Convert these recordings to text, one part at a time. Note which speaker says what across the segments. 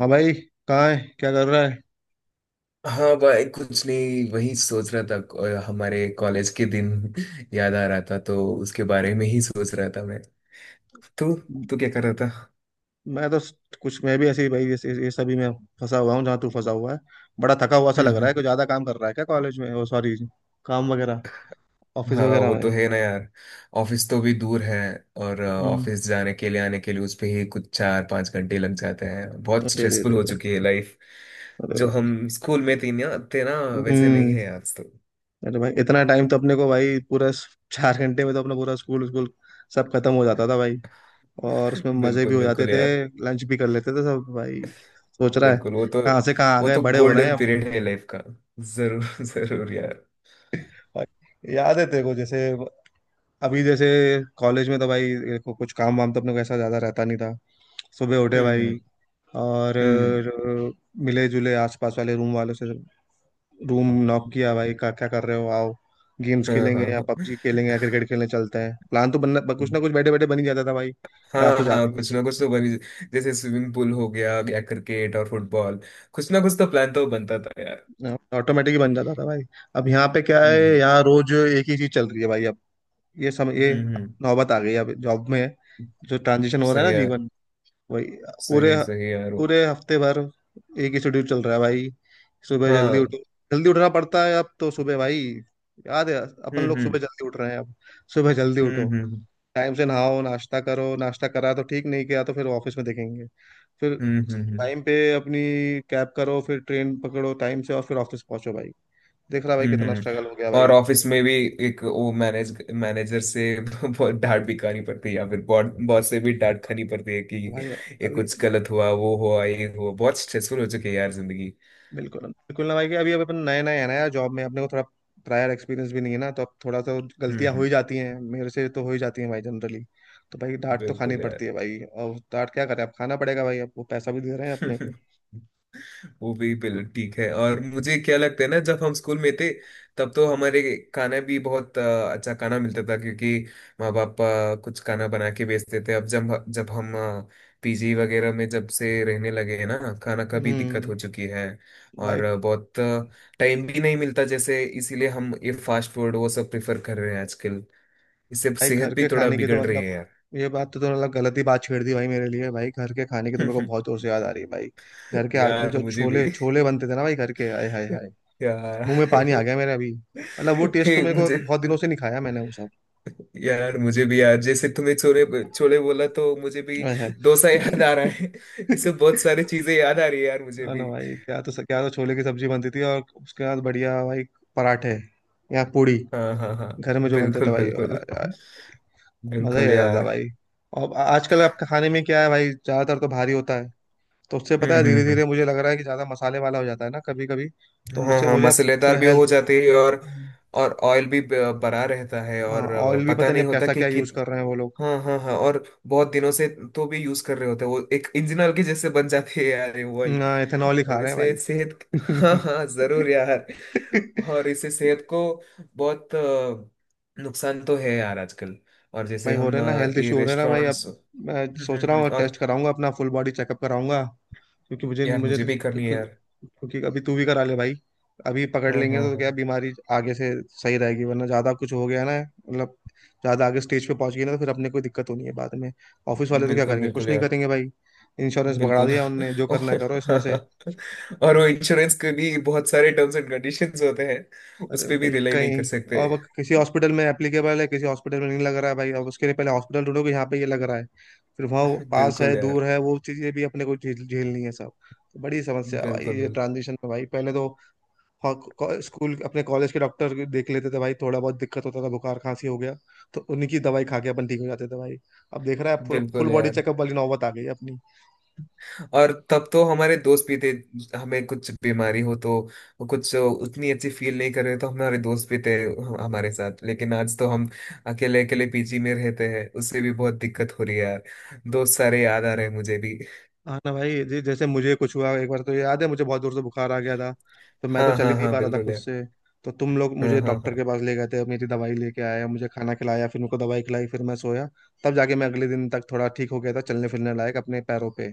Speaker 1: हाँ भाई। कहाँ है, क्या कर रहा है?
Speaker 2: हाँ भाई। कुछ नहीं, वही सोच रहा था हमारे कॉलेज के दिन। याद आ रहा था तो उसके बारे में ही सोच रहा था मैं। तू तू क्या कर रहा था?
Speaker 1: मैं तो स- कुछ मैं भी ऐसे ही भाई, ऐसे ये सभी में फंसा हुआ हूँ जहाँ तू फंसा हुआ है। बड़ा थका हुआ सा
Speaker 2: हम्म।
Speaker 1: लग रहा
Speaker 2: हम्म।
Speaker 1: है, कोई ज्यादा काम कर रहा है क्या कॉलेज में? ओ सॉरी, काम वगैरह, ऑफिस
Speaker 2: हाँ,
Speaker 1: वगैरह
Speaker 2: वो
Speaker 1: में।
Speaker 2: तो है ना यार। ऑफिस तो भी दूर है, और
Speaker 1: हम्म,
Speaker 2: ऑफिस जाने के लिए आने के लिए उस पे ही कुछ 4-5 घंटे लग जाते हैं। बहुत
Speaker 1: अरे अरे
Speaker 2: स्ट्रेसफुल हो
Speaker 1: अरे,
Speaker 2: चुकी है लाइफ।
Speaker 1: अरे अरे
Speaker 2: जो
Speaker 1: भाई।
Speaker 2: हम स्कूल में थी ना थे ना, वैसे नहीं
Speaker 1: हम्म।
Speaker 2: है आज तो।
Speaker 1: अरे भाई, इतना टाइम तो अपने को भाई पूरा चार घंटे में तो अपना पूरा स्कूल स्कूल सब खत्म हो जाता था भाई। और उसमें मजे भी
Speaker 2: बिल्कुल
Speaker 1: हो जाते
Speaker 2: बिल्कुल
Speaker 1: थे।
Speaker 2: यार।
Speaker 1: लंच भी कर लेते थे सब भाई। सोच रहा है,
Speaker 2: बिल्कुल, वो तो
Speaker 1: कहाँ से कहाँ आ
Speaker 2: वो
Speaker 1: गए,
Speaker 2: तो
Speaker 1: बड़े हो रहे हैं
Speaker 2: गोल्डन
Speaker 1: अभी।
Speaker 2: पीरियड है लाइफ का। जरूर जरूर यार।
Speaker 1: भाई, याद है तेरे को? जैसे अभी जैसे कॉलेज में तो भाई देखो, कुछ काम वाम तो अपने को ऐसा ज्यादा रहता नहीं था। सुबह उठे
Speaker 2: हम्म।
Speaker 1: भाई
Speaker 2: हम्म।
Speaker 1: और
Speaker 2: हम्म।
Speaker 1: मिले जुले आसपास वाले रूम वालों से। रूम नॉक किया भाई, क्या क्या कर रहे हो, आओ, गेम्स
Speaker 2: हाँ
Speaker 1: खेलेंगे या
Speaker 2: हाँ
Speaker 1: पबजी खेलेंगे या क्रिकेट खेलने चलते हैं। प्लान तो बनना, कुछ ना कुछ बैठे बैठे बन ही जाता था भाई।
Speaker 2: हाँ।
Speaker 1: क्लास तो
Speaker 2: हाँ हाँ,
Speaker 1: जाते नहीं
Speaker 2: कुछ
Speaker 1: थे।
Speaker 2: ना कुछ तो बनी। जैसे स्विमिंग पूल हो गया या क्रिकेट और फुटबॉल, कुछ ना कुछ तो प्लान तो बनता था यार।
Speaker 1: ऑटोमेटिक ही बन जाता था भाई। अब यहाँ पे क्या
Speaker 2: हम्म।
Speaker 1: है,
Speaker 2: हम्म।
Speaker 1: यहाँ रोज एक ही चीज चल रही है भाई अब। ये समय ये
Speaker 2: हम्म। हम्म।
Speaker 1: नौबत आ गई है, अब जॉब में है, जो ट्रांजिशन हो रहा है
Speaker 2: सही
Speaker 1: ना
Speaker 2: यार।
Speaker 1: जीवन, वही। पूरे
Speaker 2: सही सही यार, वो।
Speaker 1: पूरे हफ्ते भर एक ही शेड्यूल चल रहा है भाई। सुबह जल्दी
Speaker 2: हाँ।
Speaker 1: उठो। जल्दी उठना पड़ता है अब तो सुबह भाई। याद है अपन
Speaker 2: हम्म।
Speaker 1: लोग,
Speaker 2: हम्म।
Speaker 1: सुबह जल्दी उठ रहे हैं अब। सुबह जल्दी उठो,
Speaker 2: हम्म। हम्म।
Speaker 1: टाइम से नहाओ, नाश्ता करो। नाश्ता करा तो ठीक, नहीं किया तो फिर ऑफिस में देखेंगे। फिर
Speaker 2: हम्म। हम्म।
Speaker 1: टाइम पे अपनी कैब करो, फिर ट्रेन पकड़ो टाइम से, और फिर ऑफिस पहुंचो भाई। देख रहा भाई,
Speaker 2: हम्म। हम्म।
Speaker 1: कितना
Speaker 2: हम्म।
Speaker 1: स्ट्रगल हो गया भाई
Speaker 2: और ऑफिस
Speaker 1: जीवन
Speaker 2: में
Speaker 1: में।
Speaker 2: भी एक वो मैनेजर से बहुत डांट भी खानी पड़ती है, या फिर बॉस बॉस से भी डांट खानी पड़ती है कि
Speaker 1: तो भाई
Speaker 2: ये
Speaker 1: अभी
Speaker 2: कुछ गलत हुआ, वो हुआ, ये हुआ। बहुत स्ट्रेसफुल हो चुकी है यार जिंदगी।
Speaker 1: बिल्कुल बिल्कुल ना भाई, कि अभी अभी अपन नए नए हैं ना यार जॉब में, अपने को थोड़ा प्रायर एक्सपीरियंस भी नहीं है ना, तो अब थोड़ा सा
Speaker 2: हम्म।
Speaker 1: गलतियां हो
Speaker 2: हम्म।
Speaker 1: ही जाती हैं, मेरे से तो हो ही जाती हैं भाई जनरली। तो भाई डांट तो खानी
Speaker 2: बिल्कुल
Speaker 1: पड़ती
Speaker 2: यार।
Speaker 1: है भाई। और डांट क्या करें, अब खाना पड़ेगा भाई, अब वो पैसा भी दे रहे हैं अपने को।
Speaker 2: वो भी बिल्कुल ठीक है। और मुझे क्या लगता है ना, जब हम स्कूल में थे तब तो हमारे खाना भी बहुत अच्छा खाना मिलता था क्योंकि माँ बाप कुछ खाना बना के बेचते थे। अब जब जब हम PG वगैरह में जब से रहने लगे हैं ना, खाना का भी दिक्कत हो
Speaker 1: हम्म।
Speaker 2: चुकी है।
Speaker 1: भाई,
Speaker 2: और बहुत टाइम भी नहीं मिलता, जैसे इसीलिए हम ये फास्ट फूड वो सब प्रेफर कर रहे हैं आजकल। इससे
Speaker 1: भाई
Speaker 2: सेहत
Speaker 1: घर
Speaker 2: भी
Speaker 1: के
Speaker 2: थोड़ा
Speaker 1: खाने की
Speaker 2: बिगड़
Speaker 1: तो
Speaker 2: रही
Speaker 1: मतलब,
Speaker 2: है
Speaker 1: ये बात तो तुमने मतलब गलत ही बात छेड़ दी भाई मेरे लिए। भाई घर के खाने की तो मेरे को
Speaker 2: यार।
Speaker 1: बहुत जोर से याद आ रही है भाई। घर के आदमी
Speaker 2: यार
Speaker 1: जो
Speaker 2: मुझे भी।
Speaker 1: छोले छोले बनते थे ना भाई घर के, हाय हाय हाय,
Speaker 2: यार।
Speaker 1: मुंह में पानी आ गया मेरे अभी। मतलब वो टेस्ट
Speaker 2: हे
Speaker 1: तो मेरे को,
Speaker 2: मुझे,
Speaker 1: बहुत दिनों से नहीं खाया मैंने वो सब।
Speaker 2: यार मुझे भी यार, जैसे तुम्हें छोले छोले बोला तो मुझे भी
Speaker 1: ओए है।
Speaker 2: डोसा याद आ रहा है। ये सब बहुत सारी चीजें याद आ रही है यार मुझे
Speaker 1: ना
Speaker 2: भी।
Speaker 1: ना भाई, क्या तो, क्या तो छोले की सब्जी बनती थी और उसके बाद बढ़िया भाई पराठे या पूड़ी
Speaker 2: हाँ हाँ हाँ।
Speaker 1: घर में जो बनते थे
Speaker 2: बिल्कुल
Speaker 1: भाई
Speaker 2: बिल्कुल
Speaker 1: यार, मजा ही
Speaker 2: बिल्कुल
Speaker 1: आ जाता
Speaker 2: यार।
Speaker 1: भाई। और आजकल आपके खाने में क्या है भाई, ज्यादातर तो भारी होता है, तो उससे पता है
Speaker 2: हम्म।
Speaker 1: धीरे
Speaker 2: हम्म।
Speaker 1: धीरे
Speaker 2: हम्म।
Speaker 1: मुझे लग रहा है कि ज्यादा मसाले वाला हो जाता है ना कभी कभी। तो
Speaker 2: हाँ
Speaker 1: मुझसे
Speaker 2: हाँ,
Speaker 1: मुझे अब थोड़ा
Speaker 2: मसालेदार भी हो
Speaker 1: हेल्थ।
Speaker 2: जाते हैं, और ऑयल भी भरा रहता है,
Speaker 1: हाँ,
Speaker 2: और
Speaker 1: ऑयल भी
Speaker 2: पता
Speaker 1: पता नहीं
Speaker 2: नहीं
Speaker 1: अब
Speaker 2: होता
Speaker 1: कैसा
Speaker 2: कि
Speaker 1: क्या यूज
Speaker 2: कित
Speaker 1: कर रहे हैं वो लोग,
Speaker 2: हाँ हाँ हाँ। और बहुत दिनों से तो भी यूज कर रहे होते हैं वो, एक इंजन के जैसे बन जाती है यार ये वही।
Speaker 1: ना इथेनॉल ही खा
Speaker 2: और
Speaker 1: रहे हैं
Speaker 2: इसे सेहत हाँ
Speaker 1: भाई।
Speaker 2: हाँ जरूर यार। और इसे सेहत को बहुत नुकसान तो है यार आजकल। और जैसे
Speaker 1: भाई हो
Speaker 2: हम
Speaker 1: रहे ना हेल्थ
Speaker 2: ये
Speaker 1: इशू, हो रहे ना भाई
Speaker 2: रेस्टोरेंट्स।
Speaker 1: अब।
Speaker 2: हम्म।
Speaker 1: मैं सोच
Speaker 2: हम्म।
Speaker 1: रहा हूँ
Speaker 2: हम्म। और
Speaker 1: टेस्ट कराऊंगा अपना, फुल बॉडी चेकअप कराऊंगा। क्योंकि मुझे
Speaker 2: यार
Speaker 1: मुझे
Speaker 2: मुझे
Speaker 1: तो,
Speaker 2: भी करनी है
Speaker 1: क्योंकि,
Speaker 2: यार।
Speaker 1: क्योंकि अभी तू भी करा ले भाई। अभी पकड़
Speaker 2: हाँ
Speaker 1: लेंगे
Speaker 2: हाँ
Speaker 1: तो
Speaker 2: हाँ।
Speaker 1: क्या बीमारी आगे से सही रहेगी, वरना ज्यादा कुछ हो गया ना मतलब, ज्यादा आगे स्टेज पे पहुंच गई ना तो फिर अपने कोई दिक्कत होनी है बाद में। ऑफिस वाले तो क्या
Speaker 2: बिल्कुल
Speaker 1: करेंगे,
Speaker 2: बिल्कुल
Speaker 1: कुछ नहीं
Speaker 2: यार।
Speaker 1: करेंगे भाई। इंश्योरेंस पकड़ा
Speaker 2: बिल्कुल।
Speaker 1: दिया उनने, जो करना है करो इसमें से।
Speaker 2: और वो इंश्योरेंस के भी बहुत सारे टर्म्स एंड कंडीशंस होते हैं, उस
Speaker 1: अरे
Speaker 2: पे भी
Speaker 1: भाई,
Speaker 2: रिलाई नहीं कर
Speaker 1: कहीं
Speaker 2: सकते।
Speaker 1: अब किसी हॉस्पिटल में एप्लीकेबल है, किसी हॉस्पिटल में नहीं लग रहा है भाई। अब उसके लिए पहले हॉस्पिटल ढूंढो कि यहाँ पे ये लग रहा है, फिर वहाँ वो पास है
Speaker 2: बिल्कुल यार।
Speaker 1: दूर है, वो चीज़ें भी अपने को झेलनी है सब। तो बड़ी समस्या है भाई
Speaker 2: बिल्कुल
Speaker 1: ये
Speaker 2: बिल्कुल
Speaker 1: ट्रांजिशन में भाई। पहले तो हो- स्कूल अपने कॉलेज के डॉक्टर देख लेते थे भाई, थोड़ा बहुत दिक्कत होता था बुखार खांसी हो गया, तो उन्हीं की दवाई खा के अपन ठीक हो जाते थे भाई। अब देख रहा है, फुल फुल
Speaker 2: बिल्कुल
Speaker 1: बॉडी
Speaker 2: यार।
Speaker 1: चेकअप वाली नौबत आ गई है अपनी।
Speaker 2: और तब तो हमारे दोस्त भी थे, हमें कुछ बीमारी हो तो कुछ उतनी अच्छी फील नहीं कर रहे, तो हमारे दोस्त भी थे हमारे साथ। लेकिन आज तो हम अकेले अकेले PG में रहते हैं, उससे भी बहुत दिक्कत हो रही है यार। दोस्त सारे याद आ रहे हैं मुझे भी।
Speaker 1: हाँ ना भाई जी, जैसे मुझे कुछ हुआ एक बार तो याद है, मुझे बहुत जोर से बुखार आ गया था, तो मैं तो
Speaker 2: हाँ
Speaker 1: चल ही
Speaker 2: हाँ
Speaker 1: नहीं
Speaker 2: हाँ।
Speaker 1: पा रहा था
Speaker 2: बिल्कुल
Speaker 1: खुद
Speaker 2: यार।
Speaker 1: से। तो तुम लोग मुझे
Speaker 2: हाँ हाँ
Speaker 1: डॉक्टर
Speaker 2: हाँ।
Speaker 1: के पास ले गए थे, मेरी दवाई लेके आया, मुझे खाना खिलाया, फिर मुझको दवाई खिलाई, फिर मैं सोया। तब जाके मैं अगले दिन तक थोड़ा ठीक हो गया था, चलने फिरने लायक अपने पैरों पे।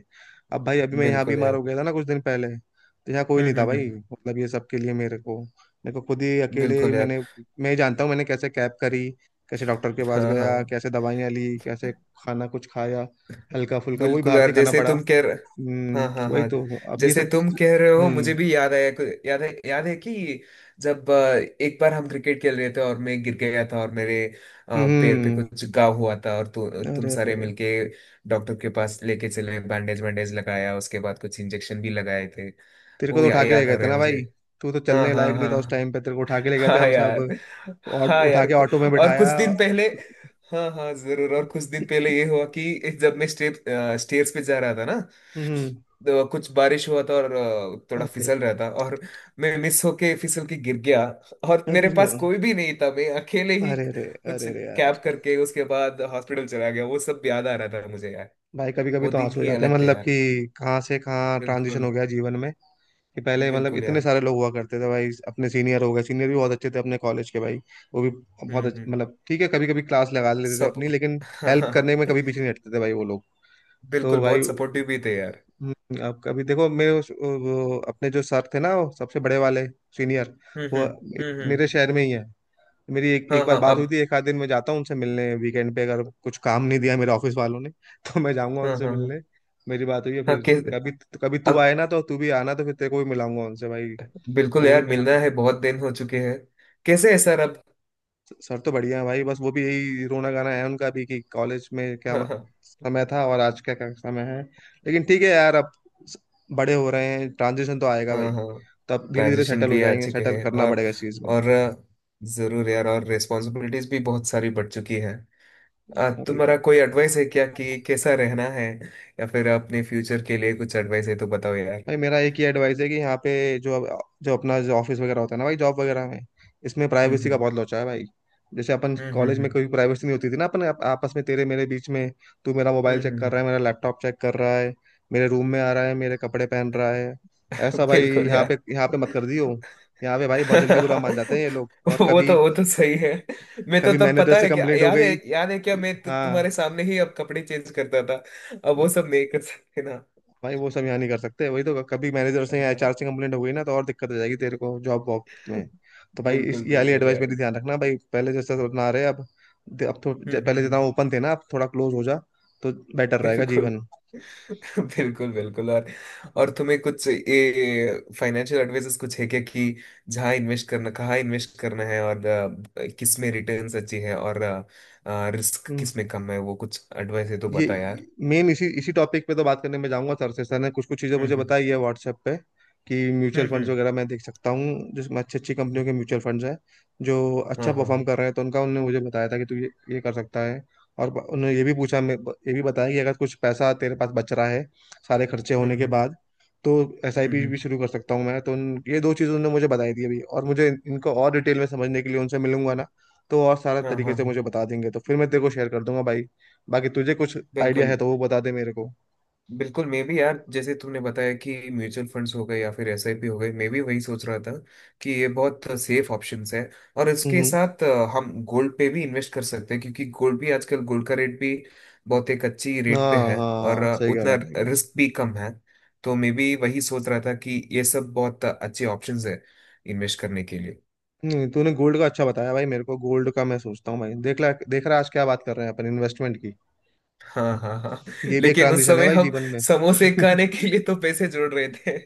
Speaker 1: अब भाई, अभी मैं यहाँ
Speaker 2: बिल्कुल
Speaker 1: बीमार
Speaker 2: यार।
Speaker 1: हो गया था ना कुछ दिन पहले, तो यहाँ कोई नहीं
Speaker 2: हम्म।
Speaker 1: था
Speaker 2: हम्म।
Speaker 1: भाई,
Speaker 2: हम्म।
Speaker 1: मतलब ये सब के लिए मेरे को, मेरे को खुद ही अकेले
Speaker 2: बिल्कुल यार।
Speaker 1: मैंने, मैं ही जानता हूँ मैंने कैसे कैब करी, कैसे डॉक्टर के पास
Speaker 2: हाँ
Speaker 1: गया,
Speaker 2: हाँ
Speaker 1: कैसे दवाइयाँ ली, कैसे खाना कुछ खाया, हल्का फुल्का वही
Speaker 2: बिल्कुल
Speaker 1: बाहर
Speaker 2: यार
Speaker 1: से खाना
Speaker 2: जैसे
Speaker 1: पड़ा।
Speaker 2: तुम कह रहे हाँ
Speaker 1: हम्म,
Speaker 2: हाँ
Speaker 1: वही
Speaker 2: हाँ।
Speaker 1: तो। अब ये
Speaker 2: जैसे
Speaker 1: सब।
Speaker 2: तुम कह रहे हो,
Speaker 1: हम्म।
Speaker 2: मुझे भी याद आया याद है कि जब एक बार हम क्रिकेट खेल रहे थे और मैं गिर गया था, और मेरे पैर पे
Speaker 1: हम्म।
Speaker 2: कुछ घाव हुआ था, और तुम
Speaker 1: अरे
Speaker 2: सारे
Speaker 1: अरे,
Speaker 2: मिलके डॉक्टर के पास लेके चले, बैंडेज वैंडेज लगाया, उसके बाद कुछ इंजेक्शन भी लगाए थे।
Speaker 1: तेरे को
Speaker 2: वो
Speaker 1: तो
Speaker 2: या,
Speaker 1: उठा के ले
Speaker 2: याद आ
Speaker 1: गए थे
Speaker 2: रहे हैं
Speaker 1: ना
Speaker 2: मुझे।
Speaker 1: भाई, तू तो
Speaker 2: हाँ
Speaker 1: चलने
Speaker 2: हाँ
Speaker 1: लायक नहीं
Speaker 2: हाँ
Speaker 1: था उस
Speaker 2: हाँ।
Speaker 1: टाइम पे, तेरे को उठा के ले गए थे
Speaker 2: हाँ
Speaker 1: हम
Speaker 2: यार।
Speaker 1: सब और
Speaker 2: हाँ
Speaker 1: उठा
Speaker 2: यार,
Speaker 1: के ऑटो में
Speaker 2: और कुछ
Speaker 1: बिठाया।
Speaker 2: दिन पहले। हाँ हाँ जरूर। और कुछ दिन पहले ये हुआ कि जब मैं स्टेप स्टेयर्स पे जा रहा था ना,
Speaker 1: हम्म।
Speaker 2: तो कुछ बारिश हुआ था और थोड़ा
Speaker 1: अरे
Speaker 2: फिसल रहा था, और मैं मिस होके फिसल के गिर गया, और
Speaker 1: अरे,
Speaker 2: मेरे पास
Speaker 1: अरे
Speaker 2: कोई भी नहीं था, मैं अकेले ही
Speaker 1: अरे, अरे
Speaker 2: कुछ
Speaker 1: अरे अरे यार,
Speaker 2: कैब करके उसके बाद हॉस्पिटल चला गया। वो सब याद आ रहा था मुझे यार।
Speaker 1: भाई कभी कभी
Speaker 2: वो
Speaker 1: तो
Speaker 2: दिन
Speaker 1: आंसू हो
Speaker 2: ही
Speaker 1: जाते हैं,
Speaker 2: अलग थे
Speaker 1: मतलब कि
Speaker 2: यार।
Speaker 1: कहाँ से कहाँ ट्रांजिशन
Speaker 2: बिल्कुल।
Speaker 1: हो गया जीवन में। कि पहले मतलब
Speaker 2: बिल्कुल
Speaker 1: इतने
Speaker 2: यार।
Speaker 1: सारे लोग हुआ करते थे भाई, अपने सीनियर हो गए, सीनियर भी बहुत अच्छे थे अपने कॉलेज के भाई। वो भी बहुत
Speaker 2: हम्म।
Speaker 1: अच्छे,
Speaker 2: हम्म।
Speaker 1: मतलब ठीक है कभी कभी क्लास लगा लेते थे
Speaker 2: सब।
Speaker 1: अपनी, लेकिन हेल्प करने में कभी पीछे नहीं हटते थे भाई वो लोग। तो
Speaker 2: बिल्कुल,
Speaker 1: भाई
Speaker 2: बहुत सपोर्टिव भी थे यार।
Speaker 1: अब कभी देखो मेरे अपने जो सर थे ना वो सबसे बड़े वाले सीनियर,
Speaker 2: हम्म। हम्म।
Speaker 1: वो
Speaker 2: हम्म। हम्म।
Speaker 1: मेरे शहर में ही है। मेरी एक
Speaker 2: हाँ
Speaker 1: एक बार
Speaker 2: हाँ
Speaker 1: बात
Speaker 2: अब।
Speaker 1: हुई थी, एक आध दिन मैं जाता हूँ उनसे मिलने वीकेंड पे, अगर कुछ काम नहीं दिया मेरे ऑफिस वालों ने तो मैं जाऊंगा
Speaker 2: हाँ
Speaker 1: उनसे
Speaker 2: हाँ हाँ।
Speaker 1: मिलने। मेरी बात हुई है
Speaker 2: हाँ
Speaker 1: फिर
Speaker 2: के
Speaker 1: कभी, कभी तू
Speaker 2: अब।
Speaker 1: आए ना तो तू भी आना, तो फिर तेरे को भी मिलाऊंगा उनसे भाई।
Speaker 2: बिल्कुल
Speaker 1: वो भी,
Speaker 2: यार, मिलना है, बहुत दिन हो चुके हैं। कैसे है सर अब?
Speaker 1: सर तो बढ़िया है भाई, बस वो भी यही रोना गाना है उनका भी, कि कॉलेज में क्या
Speaker 2: हाँ हाँ
Speaker 1: समय था और आज क्या क्या समय है। लेकिन ठीक है यार, अब स- बड़े हो रहे हैं, ट्रांजिशन तो आएगा भाई।
Speaker 2: हाँ हाँ।
Speaker 1: तो अब धीरे धीरे
Speaker 2: ट्रांजिशन
Speaker 1: सेटल हो
Speaker 2: भी आ
Speaker 1: जाएंगे,
Speaker 2: चुके
Speaker 1: सेटल
Speaker 2: हैं,
Speaker 1: करना
Speaker 2: और
Speaker 1: पड़ेगा इस चीज
Speaker 2: और जरूर यार, और रिस्पॉन्सिबिलिटीज भी बहुत सारी बढ़ चुकी है। तुम्हारा
Speaker 1: में।
Speaker 2: कोई एडवाइस है क्या, कि कैसा रहना है, या फिर अपने फ्यूचर के लिए कुछ एडवाइस है तो बताओ यार।
Speaker 1: भाई मेरा एक ही एडवाइस है कि यहाँ पे जो, जो अपना जो ऑफिस वगैरह होता है ना भाई जॉब वगैरह में, इसमें
Speaker 2: हम्म।
Speaker 1: प्राइवेसी का
Speaker 2: हम्म।
Speaker 1: बहुत लोचा है भाई। जैसे अपन
Speaker 2: हम्म।
Speaker 1: कॉलेज में
Speaker 2: हम्म।
Speaker 1: कोई प्राइवेसी नहीं होती थी ना अपन आपस में तेरे मेरे बीच में, तू मेरा
Speaker 2: हम्म।
Speaker 1: मोबाइल
Speaker 2: हम्म।
Speaker 1: चेक
Speaker 2: हम्म।
Speaker 1: कर रहा
Speaker 2: हम्म।
Speaker 1: है, मेरा लैपटॉप चेक कर रहा है, मेरे रूम में आ रहा है, मेरे कपड़े पहन रहा है, ऐसा भाई
Speaker 2: बिल्कुल
Speaker 1: यहाँ पे, यहाँ पे मत
Speaker 2: यार।
Speaker 1: कर दियो। यहाँ पे भाई बहुत जल्दी बुरा मान जाते हैं ये लोग, और
Speaker 2: वो
Speaker 1: कभी
Speaker 2: तो वो तो सही है। मैं तो
Speaker 1: कभी
Speaker 2: तब,
Speaker 1: मैनेजर
Speaker 2: पता
Speaker 1: से
Speaker 2: है क्या,
Speaker 1: कंप्लेंट हो
Speaker 2: याद है
Speaker 1: गई।
Speaker 2: याद है क्या, मैं तो
Speaker 1: हाँ।
Speaker 2: तुम्हारे सामने ही अब कपड़े चेंज करता था। अब वो सब नहीं कर सकते ना।
Speaker 1: भाई वो सब यहाँ नहीं कर सकते, वही तो, कभी मैनेजर से या
Speaker 2: हाँ।
Speaker 1: एचआर से कंप्लेंट हो गई ना तो और दिक्कत हो जाएगी तेरे को जॉब वॉब में। तो भाई इस,
Speaker 2: बिल्कुल
Speaker 1: ये वाली
Speaker 2: बिल्कुल
Speaker 1: एडवाइस मेरी
Speaker 2: यार।
Speaker 1: ध्यान रखना भाई, पहले जैसा सब ना रहे अब। दे- अब तो
Speaker 2: हम्म।
Speaker 1: ज-
Speaker 2: हम्म।
Speaker 1: पहले
Speaker 2: हम्म।
Speaker 1: जितना ओपन थे ना अब थोड़ा क्लोज हो जा, तो बेटर रहेगा
Speaker 2: बिल्कुल।
Speaker 1: जीवन।
Speaker 2: बिल्कुल। बिल्कुल। और तुम्हें कुछ ये फाइनेंशियल एडवाइसेस कुछ है क्या, कि जहाँ इन्वेस्ट करना, कहाँ इन्वेस्ट करना है, और किस में रिटर्न्स अच्छी है और रिस्क
Speaker 1: हम्म।
Speaker 2: किस में कम है, वो कुछ एडवाइस है तो
Speaker 1: ये
Speaker 2: बता यार।
Speaker 1: मेन इसी इसी टॉपिक पे तो बात करने में जाऊंगा सर से। सर ने कुछ कुछ चीज़ें
Speaker 2: हम्म।
Speaker 1: मुझे
Speaker 2: हम्म।
Speaker 1: बताई है व्हाट्सएप पे, कि म्यूचुअल
Speaker 2: हम्म।
Speaker 1: फंड्स
Speaker 2: हम्म।
Speaker 1: वगैरह मैं देख सकता हूँ, जिसमें अच्छी अच्छी कंपनियों के म्यूचुअल फंड्स हैं जो
Speaker 2: हाँ
Speaker 1: अच्छा
Speaker 2: हाँ
Speaker 1: परफॉर्म
Speaker 2: हाँ।
Speaker 1: कर रहे हैं, तो उनका, उन्होंने मुझे बताया था कि तू ये कर सकता है। और उन्होंने ये भी पूछा, मैं, ये भी बताया कि अगर कुछ पैसा तेरे पास बच रहा है सारे खर्चे
Speaker 2: हम्म।
Speaker 1: होने के
Speaker 2: हम्म।
Speaker 1: बाद, तो एस आई
Speaker 2: हम्म।
Speaker 1: पी
Speaker 2: हम्म।
Speaker 1: भी शुरू कर सकता हूँ मैं। तो ये दो चीज़ें उन्होंने मुझे बताई थी अभी, और मुझे इनको और डिटेल में समझने के लिए उनसे मिलूंगा ना, तो और सारा
Speaker 2: हाँ हाँ
Speaker 1: तरीके से मुझे
Speaker 2: हाँ।
Speaker 1: बता देंगे, तो फिर मैं तेरे को शेयर कर दूंगा भाई। बाकी तुझे कुछ आइडिया है
Speaker 2: बिल्कुल।
Speaker 1: तो वो बता दे मेरे को।
Speaker 2: बिल्कुल मैं भी यार, जैसे तुमने बताया कि म्यूचुअल फंड्स हो गए या फिर SIP हो गए, मैं भी वही सोच रहा था कि ये बहुत सेफ ऑप्शंस है। और इसके
Speaker 1: हम्म।
Speaker 2: साथ हम गोल्ड पे भी इन्वेस्ट कर सकते हैं, क्योंकि गोल्ड भी आजकल, गोल्ड का रेट भी बहुत एक अच्छी रेट पे
Speaker 1: हाँ
Speaker 2: है, और
Speaker 1: हाँ, सही कह रहा
Speaker 2: उतना
Speaker 1: है, सही कह रहा है।
Speaker 2: रिस्क भी कम है। तो मैं भी वही सोच रहा था कि ये सब बहुत अच्छे ऑप्शंस है इन्वेस्ट करने के लिए।
Speaker 1: नहीं तूने गोल्ड का अच्छा बताया भाई, मेरे को गोल्ड का मैं सोचता हूँ भाई। देख ला, देख रहा है, आज क्या बात कर रहे हैं अपन इन्वेस्टमेंट की,
Speaker 2: हाँ हाँ हाँ।
Speaker 1: ये भी एक
Speaker 2: लेकिन उस
Speaker 1: ट्रांजिशन है
Speaker 2: समय
Speaker 1: भाई
Speaker 2: हम
Speaker 1: जीवन में।
Speaker 2: समोसे खाने के लिए तो पैसे जोड़ रहे थे।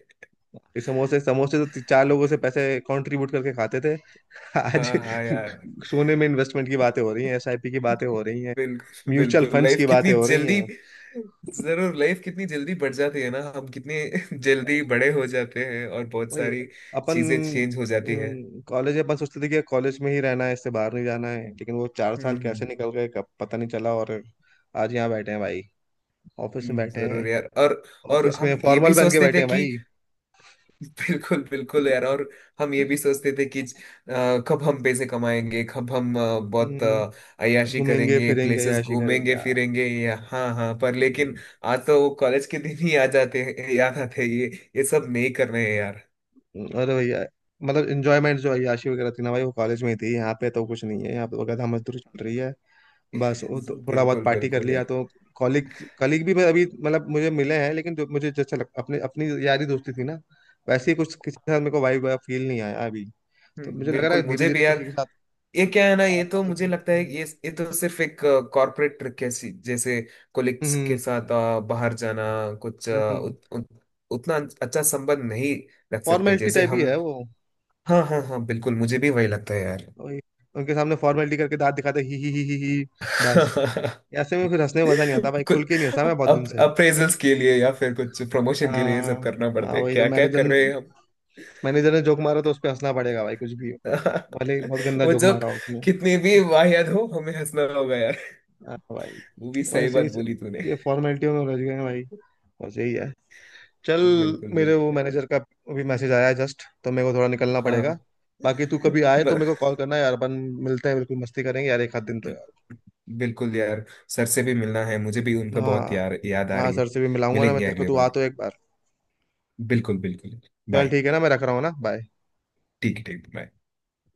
Speaker 1: ये समोसे समोसे तो चार लोगों से पैसे कंट्रीब्यूट करके खाते थे। आज
Speaker 2: हाँ हाँ यार।
Speaker 1: सोने में इन्वेस्टमेंट की बातें हो रही हैं, एसआईपी की बातें हो रही हैं,
Speaker 2: बिल्कुल
Speaker 1: म्यूचुअल
Speaker 2: बिल्कुल,
Speaker 1: फंड्स
Speaker 2: लाइफ
Speaker 1: की
Speaker 2: कितनी
Speaker 1: बातें हो रही
Speaker 2: जल्दी।
Speaker 1: हैं।
Speaker 2: जरूर, लाइफ कितनी जल्दी बढ़ जाती है ना, हम कितने जल्दी बड़े हो जाते हैं और बहुत
Speaker 1: वही
Speaker 2: सारी
Speaker 1: अपन,
Speaker 2: चीजें चेंज हो जाती है।
Speaker 1: कॉलेज, अपन सोचते थे कि कॉलेज में ही रहना है, इससे बाहर नहीं जाना है, लेकिन वो चार
Speaker 2: हम्म।
Speaker 1: साल कैसे
Speaker 2: हम्म।
Speaker 1: निकल गए कब पता नहीं चला, और आज यहाँ बैठे हैं भाई, ऑफिस में
Speaker 2: हम्म।
Speaker 1: बैठे हैं,
Speaker 2: जरूर यार, और
Speaker 1: ऑफिस में
Speaker 2: हम ये
Speaker 1: फॉर्मल
Speaker 2: भी
Speaker 1: पहन के
Speaker 2: सोचते
Speaker 1: बैठे
Speaker 2: थे
Speaker 1: हैं
Speaker 2: कि
Speaker 1: भाई।
Speaker 2: बिल्कुल बिल्कुल यार, और हम ये भी सोचते थे कि कब हम पैसे कमाएंगे, कब हम बहुत
Speaker 1: हम्म,
Speaker 2: अय्याशी
Speaker 1: घूमेंगे
Speaker 2: करेंगे,
Speaker 1: फिरेंगे,
Speaker 2: प्लेसेस
Speaker 1: याशी करेंगे
Speaker 2: घूमेंगे
Speaker 1: यार।
Speaker 2: फिरेंगे, या हाँ हाँ, पर लेकिन
Speaker 1: हम्म।
Speaker 2: आज तो वो कॉलेज के दिन ही आ जाते हैं, याद आते हैं ये। ये सब नहीं करने हैं यार।
Speaker 1: अरे भैया, मतलब इंजॉयमेंट जो है, याशी वगैरह थी ना भाई, वो कॉलेज में ही थी, यहाँ पे तो कुछ नहीं है, यहाँ पे तो गधा मजदूरी चल रही है, बस। वो तो थोड़ा बहुत
Speaker 2: बिल्कुल
Speaker 1: पार्टी कर
Speaker 2: बिल्कुल
Speaker 1: लिया,
Speaker 2: यार।
Speaker 1: तो कॉलिग कॉलिग भी मैं अभी मतलब मुझे मिले हैं, लेकिन जो मुझे जैसा लग, अपने अपनी यारी दोस्ती थी ना, वैसे ही कुछ किसी के साथ मेरे को वाइब फील नहीं आया अभी। तो
Speaker 2: हम्म।
Speaker 1: मुझे लग रहा
Speaker 2: बिल्कुल
Speaker 1: है धीरे
Speaker 2: मुझे
Speaker 1: धीरे
Speaker 2: भी यार।
Speaker 1: किसी के साथ
Speaker 2: ये क्या है ना, ये
Speaker 1: बात
Speaker 2: तो मुझे
Speaker 1: बनेगी।
Speaker 2: लगता है कि
Speaker 1: हम्म।
Speaker 2: ये तो सिर्फ एक कॉर्पोरेट ट्रिक है, जैसे कोलिग्स के
Speaker 1: हम्म।
Speaker 2: साथ बाहर जाना, कुछ
Speaker 1: हम्म।
Speaker 2: उत, उत, उतना अच्छा संबंध नहीं रख सकते
Speaker 1: फॉर्मेलिटी
Speaker 2: जैसे
Speaker 1: टाइप ही है
Speaker 2: हम।
Speaker 1: वो।
Speaker 2: हाँ हाँ हाँ। बिल्कुल मुझे भी वही लगता है यार।
Speaker 1: वही, उनके सामने फॉर्मेलिटी करके दांत दिखाते ही, बस। ऐसे में फिर हंसने में मजा नहीं आता भाई, खुल
Speaker 2: कुछ
Speaker 1: के नहीं हंसा मैं बहुत दिन
Speaker 2: अप,
Speaker 1: से।
Speaker 2: अप्रेजल्स के लिए या फिर कुछ प्रमोशन के लिए ये
Speaker 1: हाँ।
Speaker 2: सब करना
Speaker 1: हाँ
Speaker 2: पड़ता है,
Speaker 1: वही तो,
Speaker 2: क्या
Speaker 1: मैंने
Speaker 2: क्या
Speaker 1: इधर,
Speaker 2: कर रहे हैं हम।
Speaker 1: मैनेजर ने जोक मारा तो उस पे हंसना पड़ेगा भाई, कुछ भी हो, भले ही बहुत गंदा
Speaker 2: वो
Speaker 1: जोक
Speaker 2: जोक
Speaker 1: मारा उसने।
Speaker 2: कितनी भी वाहियात हो, हमें हंसना होगा यार।
Speaker 1: हाँ भाई।
Speaker 2: वो भी सही
Speaker 1: वैसे
Speaker 2: बात
Speaker 1: ही
Speaker 2: बोली तूने।
Speaker 1: ये फॉर्मेलिटियों में उलझ गए हैं भाई, बस यही है। चल,
Speaker 2: बिल्कुल
Speaker 1: मेरे वो
Speaker 2: बिल्कुल।
Speaker 1: मैनेजर का अभी मैसेज आया है जस्ट, तो मेरे को थोड़ा निकलना पड़ेगा।
Speaker 2: हाँ
Speaker 1: बाकी तू कभी आए तो
Speaker 2: ब-
Speaker 1: मेरे को कॉल करना यार, अपन मिलते हैं, बिल्कुल मस्ती करेंगे यार एक आध दिन तो यार।
Speaker 2: बिल्कुल यार। सर से भी मिलना है, मुझे भी उनका बहुत
Speaker 1: हाँ
Speaker 2: यार याद आ
Speaker 1: हाँ,
Speaker 2: रही है।
Speaker 1: सर से भी मिलाऊंगा ना मैं
Speaker 2: मिलेंगे
Speaker 1: तेरे को,
Speaker 2: अगली
Speaker 1: तू आ
Speaker 2: बार।
Speaker 1: तो एक बार।
Speaker 2: बिल्कुल बिल्कुल।
Speaker 1: चल
Speaker 2: बाय।
Speaker 1: ठीक है ना, मैं रख रहा हूँ ना, बाय।
Speaker 2: ठीक है, ठीक bye।